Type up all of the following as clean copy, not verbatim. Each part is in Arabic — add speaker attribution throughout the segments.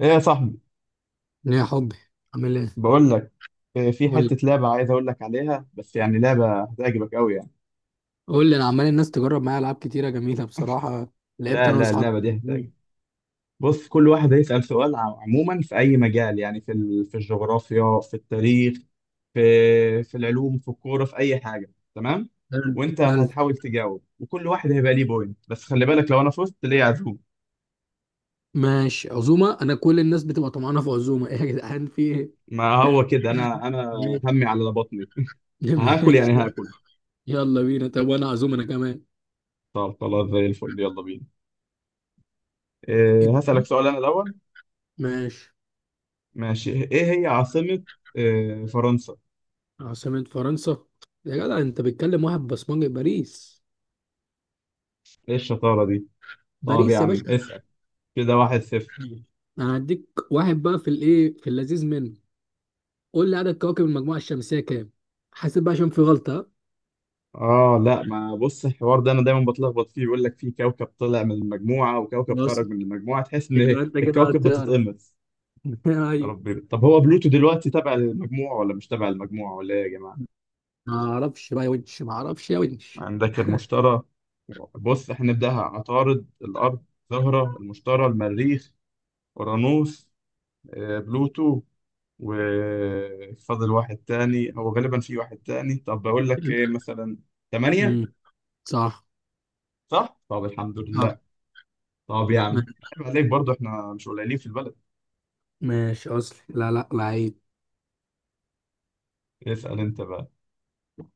Speaker 1: ايه يا صاحبي.
Speaker 2: يا حبي، عامل ايه؟
Speaker 1: بقول لك في
Speaker 2: قول
Speaker 1: حتة
Speaker 2: لي
Speaker 1: لعبة عايز اقول لك عليها، بس يعني لعبة هتعجبك قوي يعني.
Speaker 2: قول لي. انا عمال الناس تجرب معايا العاب كتيره جميله بصراحه. لعبت
Speaker 1: لا
Speaker 2: انا
Speaker 1: لا،
Speaker 2: واصحابي.
Speaker 1: اللعبة دي هتعجبك. بص، كل واحد هيسأل سؤال عموما في اي مجال، يعني في الجغرافيا، في التاريخ، في العلوم، في الكورة، في اي حاجة. تمام.
Speaker 2: حلو.
Speaker 1: وانت
Speaker 2: حلو.
Speaker 1: هتحاول تجاوب، وكل واحد هيبقى ليه بوينت، بس خلي بالك، لو انا فزت ليه عزوم.
Speaker 2: ماشي، عزومه. انا كل الناس بتبقى طمعانه في عزومه. ايه يا جدعان، في ايه؟
Speaker 1: ما هو كده انا
Speaker 2: ماشي.
Speaker 1: همي على بطني. هاكل
Speaker 2: ماشي،
Speaker 1: يعني هاكل.
Speaker 2: يلا بينا. طب وانا عزومه انا كمان.
Speaker 1: طب خلاص زي الفل، يلا بينا. هسألك
Speaker 2: ابتدي.
Speaker 1: سؤال انا الاول.
Speaker 2: ماشي.
Speaker 1: ماشي، ايه هي عاصمة فرنسا؟
Speaker 2: عاصمه فرنسا؟ يا جدع انت بتكلم واحد بصمجي. باريس.
Speaker 1: ايه الشطارة دي؟ طب يا
Speaker 2: باريس يا باشا.
Speaker 1: عم اسأل. كده واحد صفر.
Speaker 2: انا هديك واحد بقى في الايه، في اللذيذ منه. قول لي عدد كواكب المجموعه الشمسيه كام. حاسب بقى عشان في غلطه.
Speaker 1: اه لا، ما بص، الحوار ده انا دايما بتلخبط فيه، بيقول لك في كوكب طلع من المجموعة وكوكب
Speaker 2: بص،
Speaker 1: خرج من المجموعة، تحس ان
Speaker 2: يبقى انت كده
Speaker 1: الكواكب
Speaker 2: هتعرف.
Speaker 1: بتتقمص. يا
Speaker 2: ايوه.
Speaker 1: ربي، طب هو بلوتو دلوقتي تبع المجموعة ولا مش تبع المجموعة ولا ايه يا جماعة؟
Speaker 2: ما اعرفش بقى يا ونش، ما اعرفش يا ونش.
Speaker 1: عندك المشتري. بص احنا نبدأها، عطارد، الأرض، زهرة، المشتري، المريخ، أورانوس، بلوتو. وفاضل واحد تاني، هو غالبا في واحد تاني، طب بقول لك ايه مثلا، تمانية.
Speaker 2: امم صح.
Speaker 1: صح؟ طب الحمد
Speaker 2: صح.
Speaker 1: لله. طب يا عم،
Speaker 2: ما-
Speaker 1: عيب عليك برضه، احنا مش قليلين في البلد.
Speaker 2: ماشي، اصلي. لا لا لعيب.
Speaker 1: اسأل انت بقى.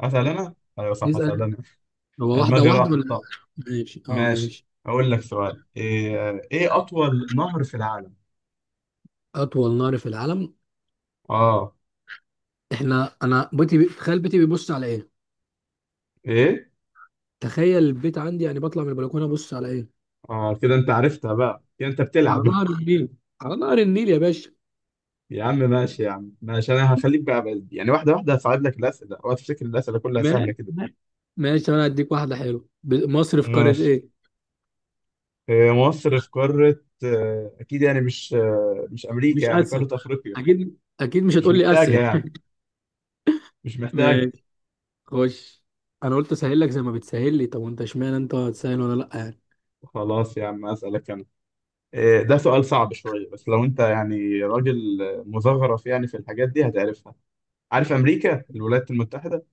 Speaker 1: اسأل انا؟ ايوه صح، اسأل
Speaker 2: نسأل.
Speaker 1: انا.
Speaker 2: هو واحدة
Speaker 1: دماغي
Speaker 2: واحدة
Speaker 1: راحت.
Speaker 2: ولا؟
Speaker 1: طب
Speaker 2: ماشي، اه
Speaker 1: ماشي،
Speaker 2: ماشي.
Speaker 1: اقول لك سؤال، ايه اطول نهر في العالم؟
Speaker 2: اطول نهر في العالم.
Speaker 1: اه.
Speaker 2: احنا انا تخيل بيتي بيبص على ايه.
Speaker 1: ايه؟
Speaker 2: تخيل البيت عندي، يعني بطلع من البلكونه ابص على ايه.
Speaker 1: اه كده انت عرفتها بقى، كده انت
Speaker 2: على
Speaker 1: بتلعب.
Speaker 2: نهر النيل. على نهر النيل يا باشا.
Speaker 1: يا عم ماشي، يا عم ماشي، انا هخليك يعني واحدة واحدة، هصعب لك الأسئلة، اوعى تفتكر الأسئلة كلها سهلة
Speaker 2: ماشي.
Speaker 1: كده.
Speaker 2: ماشي، انا هديك واحده حلوه. مصر في قاره
Speaker 1: ماشي.
Speaker 2: ايه؟
Speaker 1: هي مصر في قارة، أكيد يعني مش مش أمريكا،
Speaker 2: مش
Speaker 1: يعني
Speaker 2: اسيا؟
Speaker 1: قارة أفريقيا.
Speaker 2: اكيد اكيد مش
Speaker 1: مش
Speaker 2: هتقول لي
Speaker 1: محتاجة
Speaker 2: اسيا.
Speaker 1: يعني. مش محتاجة.
Speaker 2: ماشي. خش. انا قلت اسهل لك زي ما بتسهل لي. طب وانت اشمعنى انت هتسهل وانا لا يعني؟
Speaker 1: خلاص يا عم أسألك أنا. ده سؤال صعب شوية، بس لو أنت يعني راجل مزخرف يعني في الحاجات دي هتعرفها. عارف أمريكا الولايات المتحدة.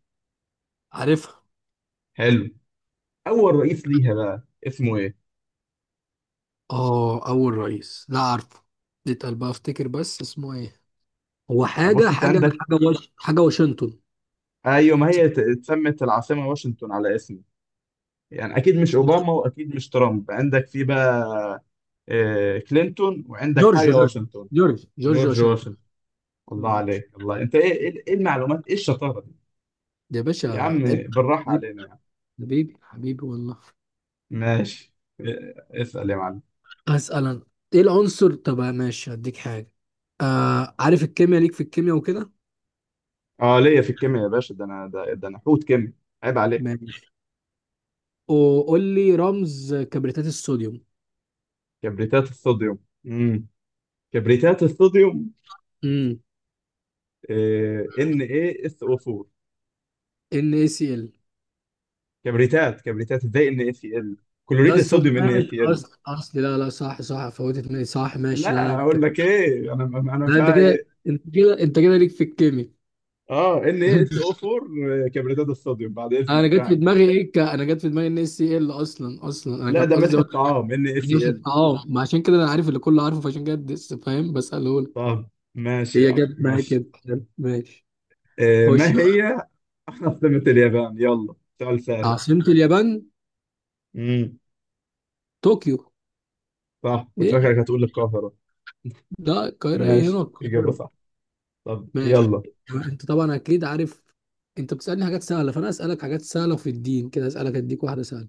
Speaker 2: عارفها.
Speaker 1: حلو. أول رئيس ليها بقى اسمه إيه؟
Speaker 2: اه اول رئيس، لا عارفه. اتقل بقى افتكر بس اسمه ايه. هو
Speaker 1: يعني بص، أنت عندك.
Speaker 2: حاجه واشنطن.
Speaker 1: أيوة، ما هي اتسمت العاصمة واشنطن على اسمه، يعني أكيد مش أوباما وأكيد مش ترامب، عندك في بقى كلينتون، وعندك
Speaker 2: جورج
Speaker 1: حاجة
Speaker 2: جورج
Speaker 1: واشنطن.
Speaker 2: جورج
Speaker 1: جورج
Speaker 2: واشنطن.
Speaker 1: واشنطن. الله
Speaker 2: جورج واشنطن.
Speaker 1: عليك الله، انت ايه ايه إيه المعلومات، ايه الشطاره دي.
Speaker 2: ده يا
Speaker 1: يا
Speaker 2: باشا
Speaker 1: عم
Speaker 2: ابن.
Speaker 1: بالراحه
Speaker 2: حبيبي.
Speaker 1: علينا يا عم.
Speaker 2: حبيبي، حبيبي والله.
Speaker 1: ماشي. اسال يا معلم.
Speaker 2: اسال انا. ايه العنصر؟ طب ماشي هديك حاجه. آه، عارف الكيمياء؟ ليك في الكيمياء وكده.
Speaker 1: اه ليا في الكيمياء يا باشا، ده انا ده انا حوت كيمياء. عيب عليك.
Speaker 2: ماشي، وقول لي رمز كبريتات الصوديوم.
Speaker 1: كبريتات الصوديوم. امم كبريتات الصوديوم.
Speaker 2: امم
Speaker 1: ان ايه اس او 4.
Speaker 2: ان اي سي ال.
Speaker 1: كبريتات ازاي ان اي سي ال؟
Speaker 2: ده
Speaker 1: كلوريد
Speaker 2: الصوت،
Speaker 1: الصوديوم ان اي
Speaker 2: ماشي.
Speaker 1: سي ال.
Speaker 2: اصل لا لا، صح صح، فوتت مني، صح ماشي. لا لا
Speaker 1: لا
Speaker 2: انت،
Speaker 1: اقول لك ايه، انا
Speaker 2: لا انت كده،
Speaker 1: فايق.
Speaker 2: انت كده ليك في الكيمياء.
Speaker 1: اه، ان ايه اس او 4 كبريتات الصوديوم، بعد
Speaker 2: انا
Speaker 1: اذنك
Speaker 2: جت في
Speaker 1: يعني.
Speaker 2: دماغي ايه، انا جت في دماغي ان اس سي ال اصلا. اصلا انا
Speaker 1: لا،
Speaker 2: كان
Speaker 1: ده ملح
Speaker 2: قصدي أقول.
Speaker 1: الطعام ان اي سي ال.
Speaker 2: اه، ما عشان كده انا عارف اللي كله عارفه، فعشان كده فاهم بساله لك.
Speaker 1: طب ماشي يا
Speaker 2: هي
Speaker 1: عم
Speaker 2: جت معايا
Speaker 1: ماشي.
Speaker 2: كده. ماشي.
Speaker 1: آه، ما
Speaker 2: خش.
Speaker 1: هي عاصمة اليابان، يلا سؤال سهل.
Speaker 2: عاصمة اليابان.
Speaker 1: امم
Speaker 2: طوكيو.
Speaker 1: صح، كنت
Speaker 2: ليه؟
Speaker 1: فاكرك هتقول القاهرة.
Speaker 2: لا القاهرة، ايه هنا
Speaker 1: ماشي، إجابة
Speaker 2: القاهرة.
Speaker 1: صح. طب
Speaker 2: ماشي.
Speaker 1: يلا.
Speaker 2: انت طبعا اكيد عارف. انت بتسألني حاجات سهلة، فانا اسألك حاجات سهلة في الدين كده. اسألك اديك واحدة سهلة.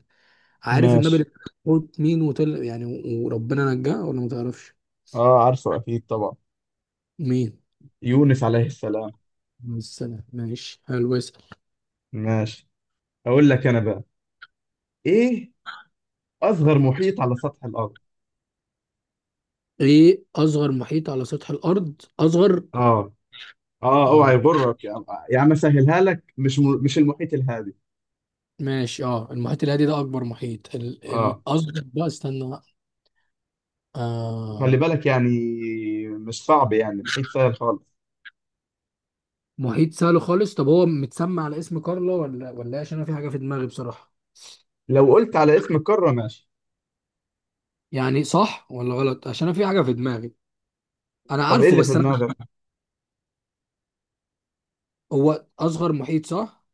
Speaker 2: عارف النبي
Speaker 1: ماشي.
Speaker 2: اللي قلت مين وطلع يعني وربنا نجاه، ولا ما تعرفش؟
Speaker 1: اه عارفه اكيد طبعا.
Speaker 2: مين؟
Speaker 1: يونس عليه السلام.
Speaker 2: السنة، ماشي حلو، اسأل.
Speaker 1: ماشي، اقول لك انا بقى ايه. اصغر محيط على سطح الارض.
Speaker 2: ايه اصغر محيط على سطح الارض؟ اصغر؟
Speaker 1: اه اه، اوعى
Speaker 2: اه.
Speaker 1: يغرك يا عم. يا عم اسهلها لك، مش المحيط الهادي.
Speaker 2: ماشي، اه، المحيط الهادي ده اكبر محيط،
Speaker 1: اه.
Speaker 2: الاصغر بقى استنى بقى.
Speaker 1: وخلي
Speaker 2: آه.
Speaker 1: بالك يعني، مش صعب يعني، محيط سهل خالص.
Speaker 2: محيط سهل خالص. طب هو متسمى على اسم كارلا ولا ولا إيه؟ عشان انا في حاجة في دماغي بصراحة.
Speaker 1: لو قلت على اسم القارة ماشي.
Speaker 2: يعني صح ولا غلط؟ عشان انا في حاجة في دماغي. انا
Speaker 1: طب ايه
Speaker 2: عارفه
Speaker 1: اللي في
Speaker 2: بس انا.
Speaker 1: دماغك؟
Speaker 2: هو اصغر محيط، صح؟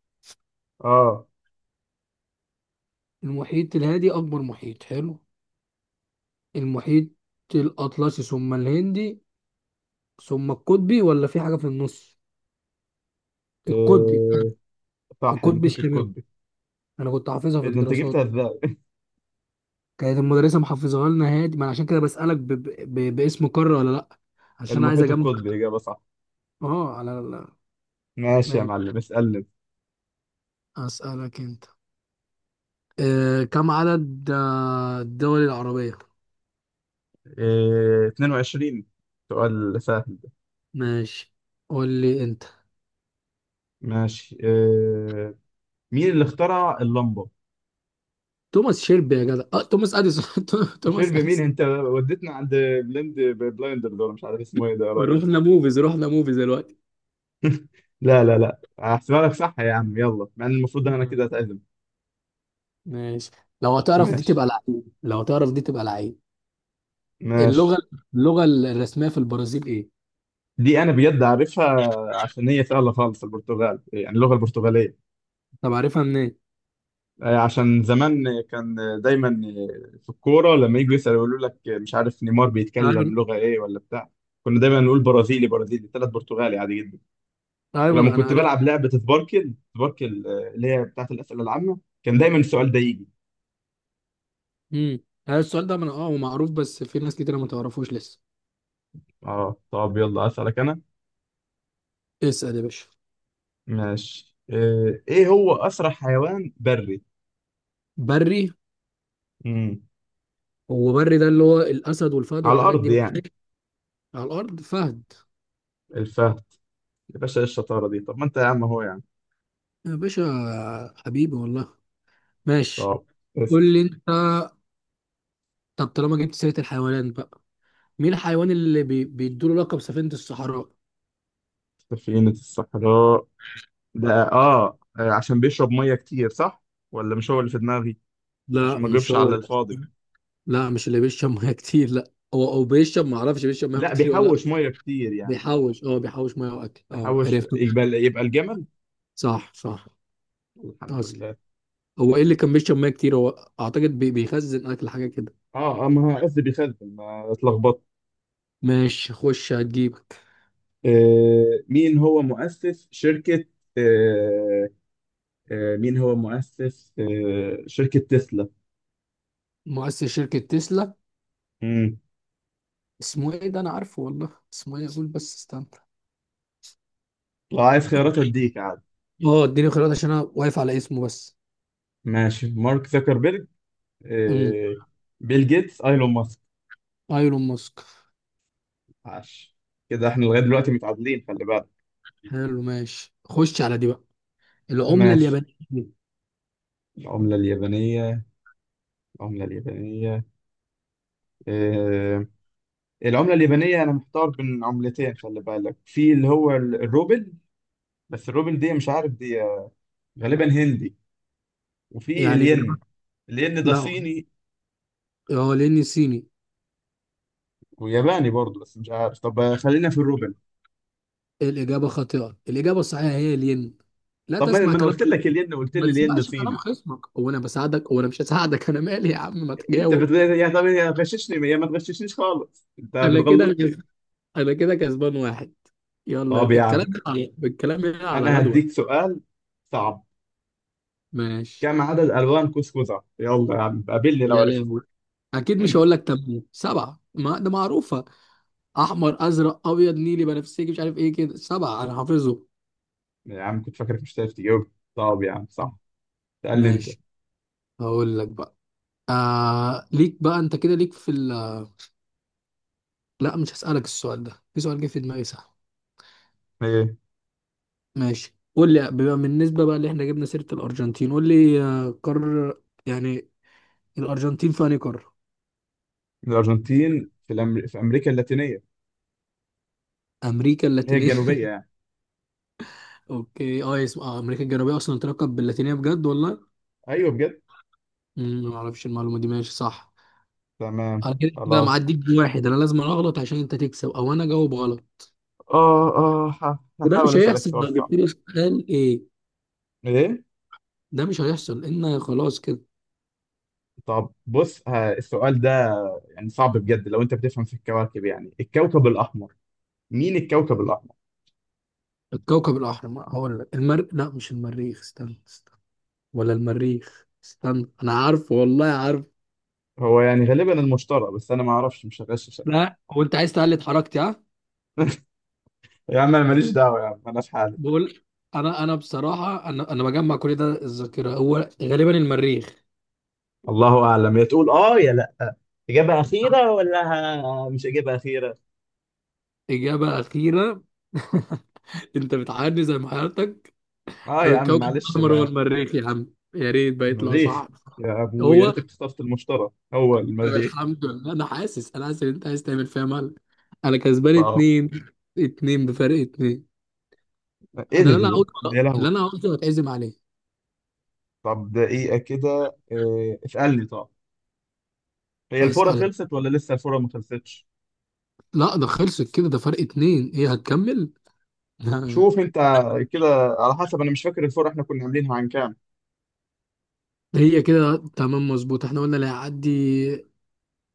Speaker 1: اه.
Speaker 2: المحيط الهادي اكبر محيط، حلو. المحيط الأطلسي، ثم الهندي، ثم القطبي ولا في حاجة في النص؟ القطبي.
Speaker 1: إيه. صح،
Speaker 2: القطبي
Speaker 1: المحيط
Speaker 2: الشمالي.
Speaker 1: القطبي.
Speaker 2: أنا كنت حافظها في
Speaker 1: إيه ده، انت
Speaker 2: الدراسات.
Speaker 1: جبتها ازاي؟
Speaker 2: كانت المدرسة محافظاها لنا هادي. ما أنا عشان كده بسألك باسم قارة ولا لأ، عشان عايز
Speaker 1: المحيط
Speaker 2: أجمع.
Speaker 1: القطبي اجابه صح.
Speaker 2: أه على لا.
Speaker 1: ماشي يا
Speaker 2: ماشي.
Speaker 1: معلم، اسالني.
Speaker 2: أسألك أنت. آه، كم عدد الدول العربية؟
Speaker 1: إيه، 22، سؤال سهل ده.
Speaker 2: ماشي. قول لي أنت.
Speaker 1: ماشي إيه، مين اللي اخترع اللمبه؟
Speaker 2: توماس شيلبي يا جدع. أه توماس أديسون.
Speaker 1: شرب
Speaker 2: توماس
Speaker 1: مين
Speaker 2: أديسون.
Speaker 1: انت، وديتنا عند بلند بلايندر، دول مش عارف اسمه ايه ده يا راجل.
Speaker 2: رحنا موفيز، رحنا موفيز.
Speaker 1: لا لا لا، هحسبها لك صح يا عم، يلا، مع ان المفروض انا كده
Speaker 2: دلوقتي.
Speaker 1: اتعزم.
Speaker 2: ماشي. لو هتعرف دي
Speaker 1: ماشي.
Speaker 2: تبقى لعيب، لو هتعرف دي تبقى لعيب. اللغة،
Speaker 1: ماشي.
Speaker 2: اللغة الرسمية في البرازيل ايه؟
Speaker 1: دي انا بجد عارفها، عشان هي سهله خالص، البرتغال، يعني اللغه البرتغاليه.
Speaker 2: طب عارفها منين؟
Speaker 1: عشان زمان كان دايما في الكوره لما يجوا يسالوا، يقولوا لك مش عارف نيمار
Speaker 2: ايوه.
Speaker 1: بيتكلم لغه ايه ولا بتاع. كنا دايما نقول برازيلي برازيلي ثلاث برتغالي عادي جدا.
Speaker 2: ايوه
Speaker 1: ولما
Speaker 2: انا
Speaker 1: كنت
Speaker 2: عارف.
Speaker 1: بلعب لعبه سباركل سباركل، اللي هي بتاعت الاسئله العامه، كان دايما السؤال ده يجي.
Speaker 2: امم هذا السؤال ده انا اه، هو معروف بس في ناس كتير ما تعرفوش لسه.
Speaker 1: اه، طب يلا اسالك انا.
Speaker 2: اسأل يا باشا.
Speaker 1: ماشي، ايه هو اسرع حيوان بري.
Speaker 2: بري؟
Speaker 1: امم.
Speaker 2: هو بري ده اللي هو الاسد والفهد
Speaker 1: على
Speaker 2: والحاجات
Speaker 1: الارض
Speaker 2: دي
Speaker 1: يعني.
Speaker 2: بتعيش على الارض. فهد.
Speaker 1: الفهد. يا باشا، ايه الشطاره دي، طب ما انت يا عم هو يعني.
Speaker 2: يا باشا حبيبي والله. ماشي.
Speaker 1: طب. اسم.
Speaker 2: قول لي انت. طب طالما جبت سيرة الحيوانات بقى، مين الحيوان اللي بيدوله لقب سفينة الصحراء؟
Speaker 1: سفينه الصحراء. ده اه، عشان بيشرب ميه كتير صح، ولا مش هو اللي في دماغي، عشان
Speaker 2: لا
Speaker 1: ما
Speaker 2: مش
Speaker 1: اجيبش
Speaker 2: هو.
Speaker 1: على الفاضي.
Speaker 2: لا مش اللي بيشرب ميه كتير، لا. هو او بيشرب، ما اعرفش بيشرب ميه
Speaker 1: لا،
Speaker 2: كتير ولا لا.
Speaker 1: بيحوش ميه كتير يعني.
Speaker 2: بيحوش، اه بيحوش ميه واكل، اه
Speaker 1: بيحوش،
Speaker 2: عرفت.
Speaker 1: يبقى الجمل.
Speaker 2: صح صح.
Speaker 1: الحمد
Speaker 2: اصلي،
Speaker 1: لله.
Speaker 2: هو ايه اللي كان بيشرب ميه كتير هو؟ اعتقد بيخزن اكل حاجه كده.
Speaker 1: اه اه، ما هو قصدي بيخزن، ما اتلخبطت.
Speaker 2: ماشي، خش هتجيبك.
Speaker 1: آه، مين هو مؤسس شركة، آه مين هو مؤسس شركة تسلا.
Speaker 2: مؤسس شركه تسلا؟
Speaker 1: مم.
Speaker 2: اسمه ايه، ده انا عارفه والله، اسمه ايه، اقول بس استنى.
Speaker 1: لو عايز
Speaker 2: اه.
Speaker 1: خيارات اديك عادي.
Speaker 2: آه، اديني خيارات عشان انا واقف على اسمه بس.
Speaker 1: ماشي، مارك زكربيرج،
Speaker 2: امم
Speaker 1: آه، بيل جيتس، ايلون ماسك.
Speaker 2: ايلون ماسك.
Speaker 1: عاش. كده احنا لغاية دلوقتي متعادلين، خلي بالك.
Speaker 2: حلو. ماشي، خش على دي بقى. العمله
Speaker 1: ماشي.
Speaker 2: اليابانيه.
Speaker 1: العملة اليابانية. العملة اليابانية. آه العملة اليابانية، أنا محتار بين عملتين، خلي بالك، في اللي هو الروبل، بس الروبل دي مش عارف دي، غالبا هندي. وفي
Speaker 2: يعني الإجابة.
Speaker 1: الين. الين ده
Speaker 2: لا،
Speaker 1: صيني
Speaker 2: اه، لاني صيني.
Speaker 1: وياباني برضه، بس مش عارف، طب خلينا في الروبل.
Speaker 2: الإجابة خاطئة، الإجابة الصحيحة هي الين. لا
Speaker 1: طب ما
Speaker 2: تسمع
Speaker 1: ما أنا
Speaker 2: كلام
Speaker 1: قلت لك
Speaker 2: خصمك.
Speaker 1: الين، قلت
Speaker 2: ما
Speaker 1: لي الين
Speaker 2: تسمعش كلام
Speaker 1: صيني.
Speaker 2: خصمك، هو أنا بساعدك؟ هو أنا مش هساعدك، أنا مالي يا عم، ما
Speaker 1: أنت
Speaker 2: تجاوب.
Speaker 1: بتغير يا، طب يا غششني يا ما تغششنيش خالص، أنت
Speaker 2: أنا كده
Speaker 1: بتغلطني.
Speaker 2: كس- أنا كده كسبان واحد. يلا
Speaker 1: طب يا عم،
Speaker 2: الكلام هنا، على الكلام هنا على
Speaker 1: أنا
Speaker 2: غدوة.
Speaker 1: هديك سؤال صعب.
Speaker 2: ماشي.
Speaker 1: كم عدد ألوان كوسكوزة، يلا يا عم قابلني لو
Speaker 2: يا
Speaker 1: عرفت.
Speaker 2: لهوي. أكيد مش هقول لك، تمام 7، ما ده معروفة. أحمر أزرق أبيض نيلي بنفسجي مش عارف إيه كده 7، أنا حافظه.
Speaker 1: يا عم كنت فاكرك مش هتعرف تجاوب، طب يا عم صح. تقل انت.
Speaker 2: ماشي. هقول لك بقى. آه ليك بقى، أنت كده ليك في. لا مش هسألك السؤال ده، في سؤال جه في دماغي، صح.
Speaker 1: ايه.
Speaker 2: ماشي، قول لي بما بالنسبة بقى اللي احنا جبنا سيرة الأرجنتين، قول لي آه، قارة يعني الأرجنتين في أنهي قارة؟
Speaker 1: الارجنتين في في امريكا اللاتينيه.
Speaker 2: أمريكا
Speaker 1: اللي هي
Speaker 2: اللاتينية.
Speaker 1: الجنوبيه يعني.
Speaker 2: أوكي. أه اسم آه، أمريكا الجنوبية أصلا تلقب باللاتينية بجد والله؟
Speaker 1: ايوه بجد.
Speaker 2: أمم، ما أعرفش المعلومة دي. ماشي صح.
Speaker 1: تمام.
Speaker 2: أنا كده كده
Speaker 1: خلاص.
Speaker 2: معديك بواحد، أنا لازم أغلط عشان أنت تكسب، أو أنا أجاوب غلط.
Speaker 1: اه اه،
Speaker 2: وده
Speaker 1: هحاول
Speaker 2: مش
Speaker 1: اسالك
Speaker 2: هيحصل.
Speaker 1: سؤال
Speaker 2: لو
Speaker 1: صعب.
Speaker 2: جبت لي سؤال إيه؟
Speaker 1: ايه.
Speaker 2: ده مش هيحصل لأن خلاص كده.
Speaker 1: طب بص، السؤال ده يعني صعب بجد، لو انت بتفهم في الكواكب، يعني الكوكب الاحمر، مين الكوكب الاحمر.
Speaker 2: الكوكب الأحمر، هقول لك المر، لا مش المريخ، استنى استنى. ولا المريخ، استنى انا عارفه والله عارف.
Speaker 1: هو يعني غالبا المشتري، بس انا ما اعرفش، مش هغششك.
Speaker 2: لا هو انت عايز تقلد حركتي ها.
Speaker 1: يا عم انا ماليش دعوه، يا عم انا في حالي.
Speaker 2: بقول، انا بصراحه، انا بجمع كل ده الذاكره، هو غالبا المريخ.
Speaker 1: الله اعلم، يا تقول اه يا لا، اجابه اخيره ولا مش اجابه اخيره.
Speaker 2: اجابه اخيره. انت بتعاني زي ما حياتك.
Speaker 1: اه
Speaker 2: طب
Speaker 1: يا عم
Speaker 2: الكوكب
Speaker 1: معلش
Speaker 2: الاحمر هو
Speaker 1: بقى.
Speaker 2: المريخ يا عم، يا ريت بقى يطلع
Speaker 1: المريخ.
Speaker 2: صح.
Speaker 1: يا ابو، يا
Speaker 2: هو.
Speaker 1: ريتك اخترت المشتري. هو
Speaker 2: طب
Speaker 1: المريخ.
Speaker 2: الحمد لله. انا حاسس ان انت عايز تعمل فيها مال. انا كسبان
Speaker 1: طب.
Speaker 2: اتنين. اتنين، بفرق اتنين.
Speaker 1: ايه
Speaker 2: انا
Speaker 1: ده ده
Speaker 2: اللي انا
Speaker 1: ده ده،
Speaker 2: قلته،
Speaker 1: يا
Speaker 2: اللي
Speaker 1: لهوي.
Speaker 2: انا قلته هتعزم عليه.
Speaker 1: طب دقيقه كده، إيه اسالني طب، هي الفوره
Speaker 2: هسألك.
Speaker 1: خلصت ولا لسه الفوره ما خلصتش.
Speaker 2: لا ده خلصت كده، ده فرق اتنين، هي هتكمل.
Speaker 1: شوف انت كده، على حسب، انا مش فاكر الفوره احنا كنا عاملينها عن كام.
Speaker 2: هي كده تمام مظبوط، احنا قلنا اللي هيعدي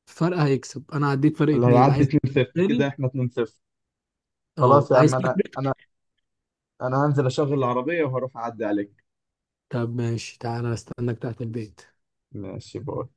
Speaker 2: فرق هيكسب، انا عديت فرق
Speaker 1: اللي
Speaker 2: اتنين،
Speaker 1: هيعدي
Speaker 2: عايز
Speaker 1: 2-0، كده
Speaker 2: تاني؟
Speaker 1: احنا 2-0.
Speaker 2: اه
Speaker 1: خلاص يا
Speaker 2: عايز
Speaker 1: عم،
Speaker 2: تاني؟
Speaker 1: انا هنزل اشغل العربيه وهروح اعدي عليك.
Speaker 2: طب ماشي، تعالى استناك تحت البيت.
Speaker 1: ماشي بقى.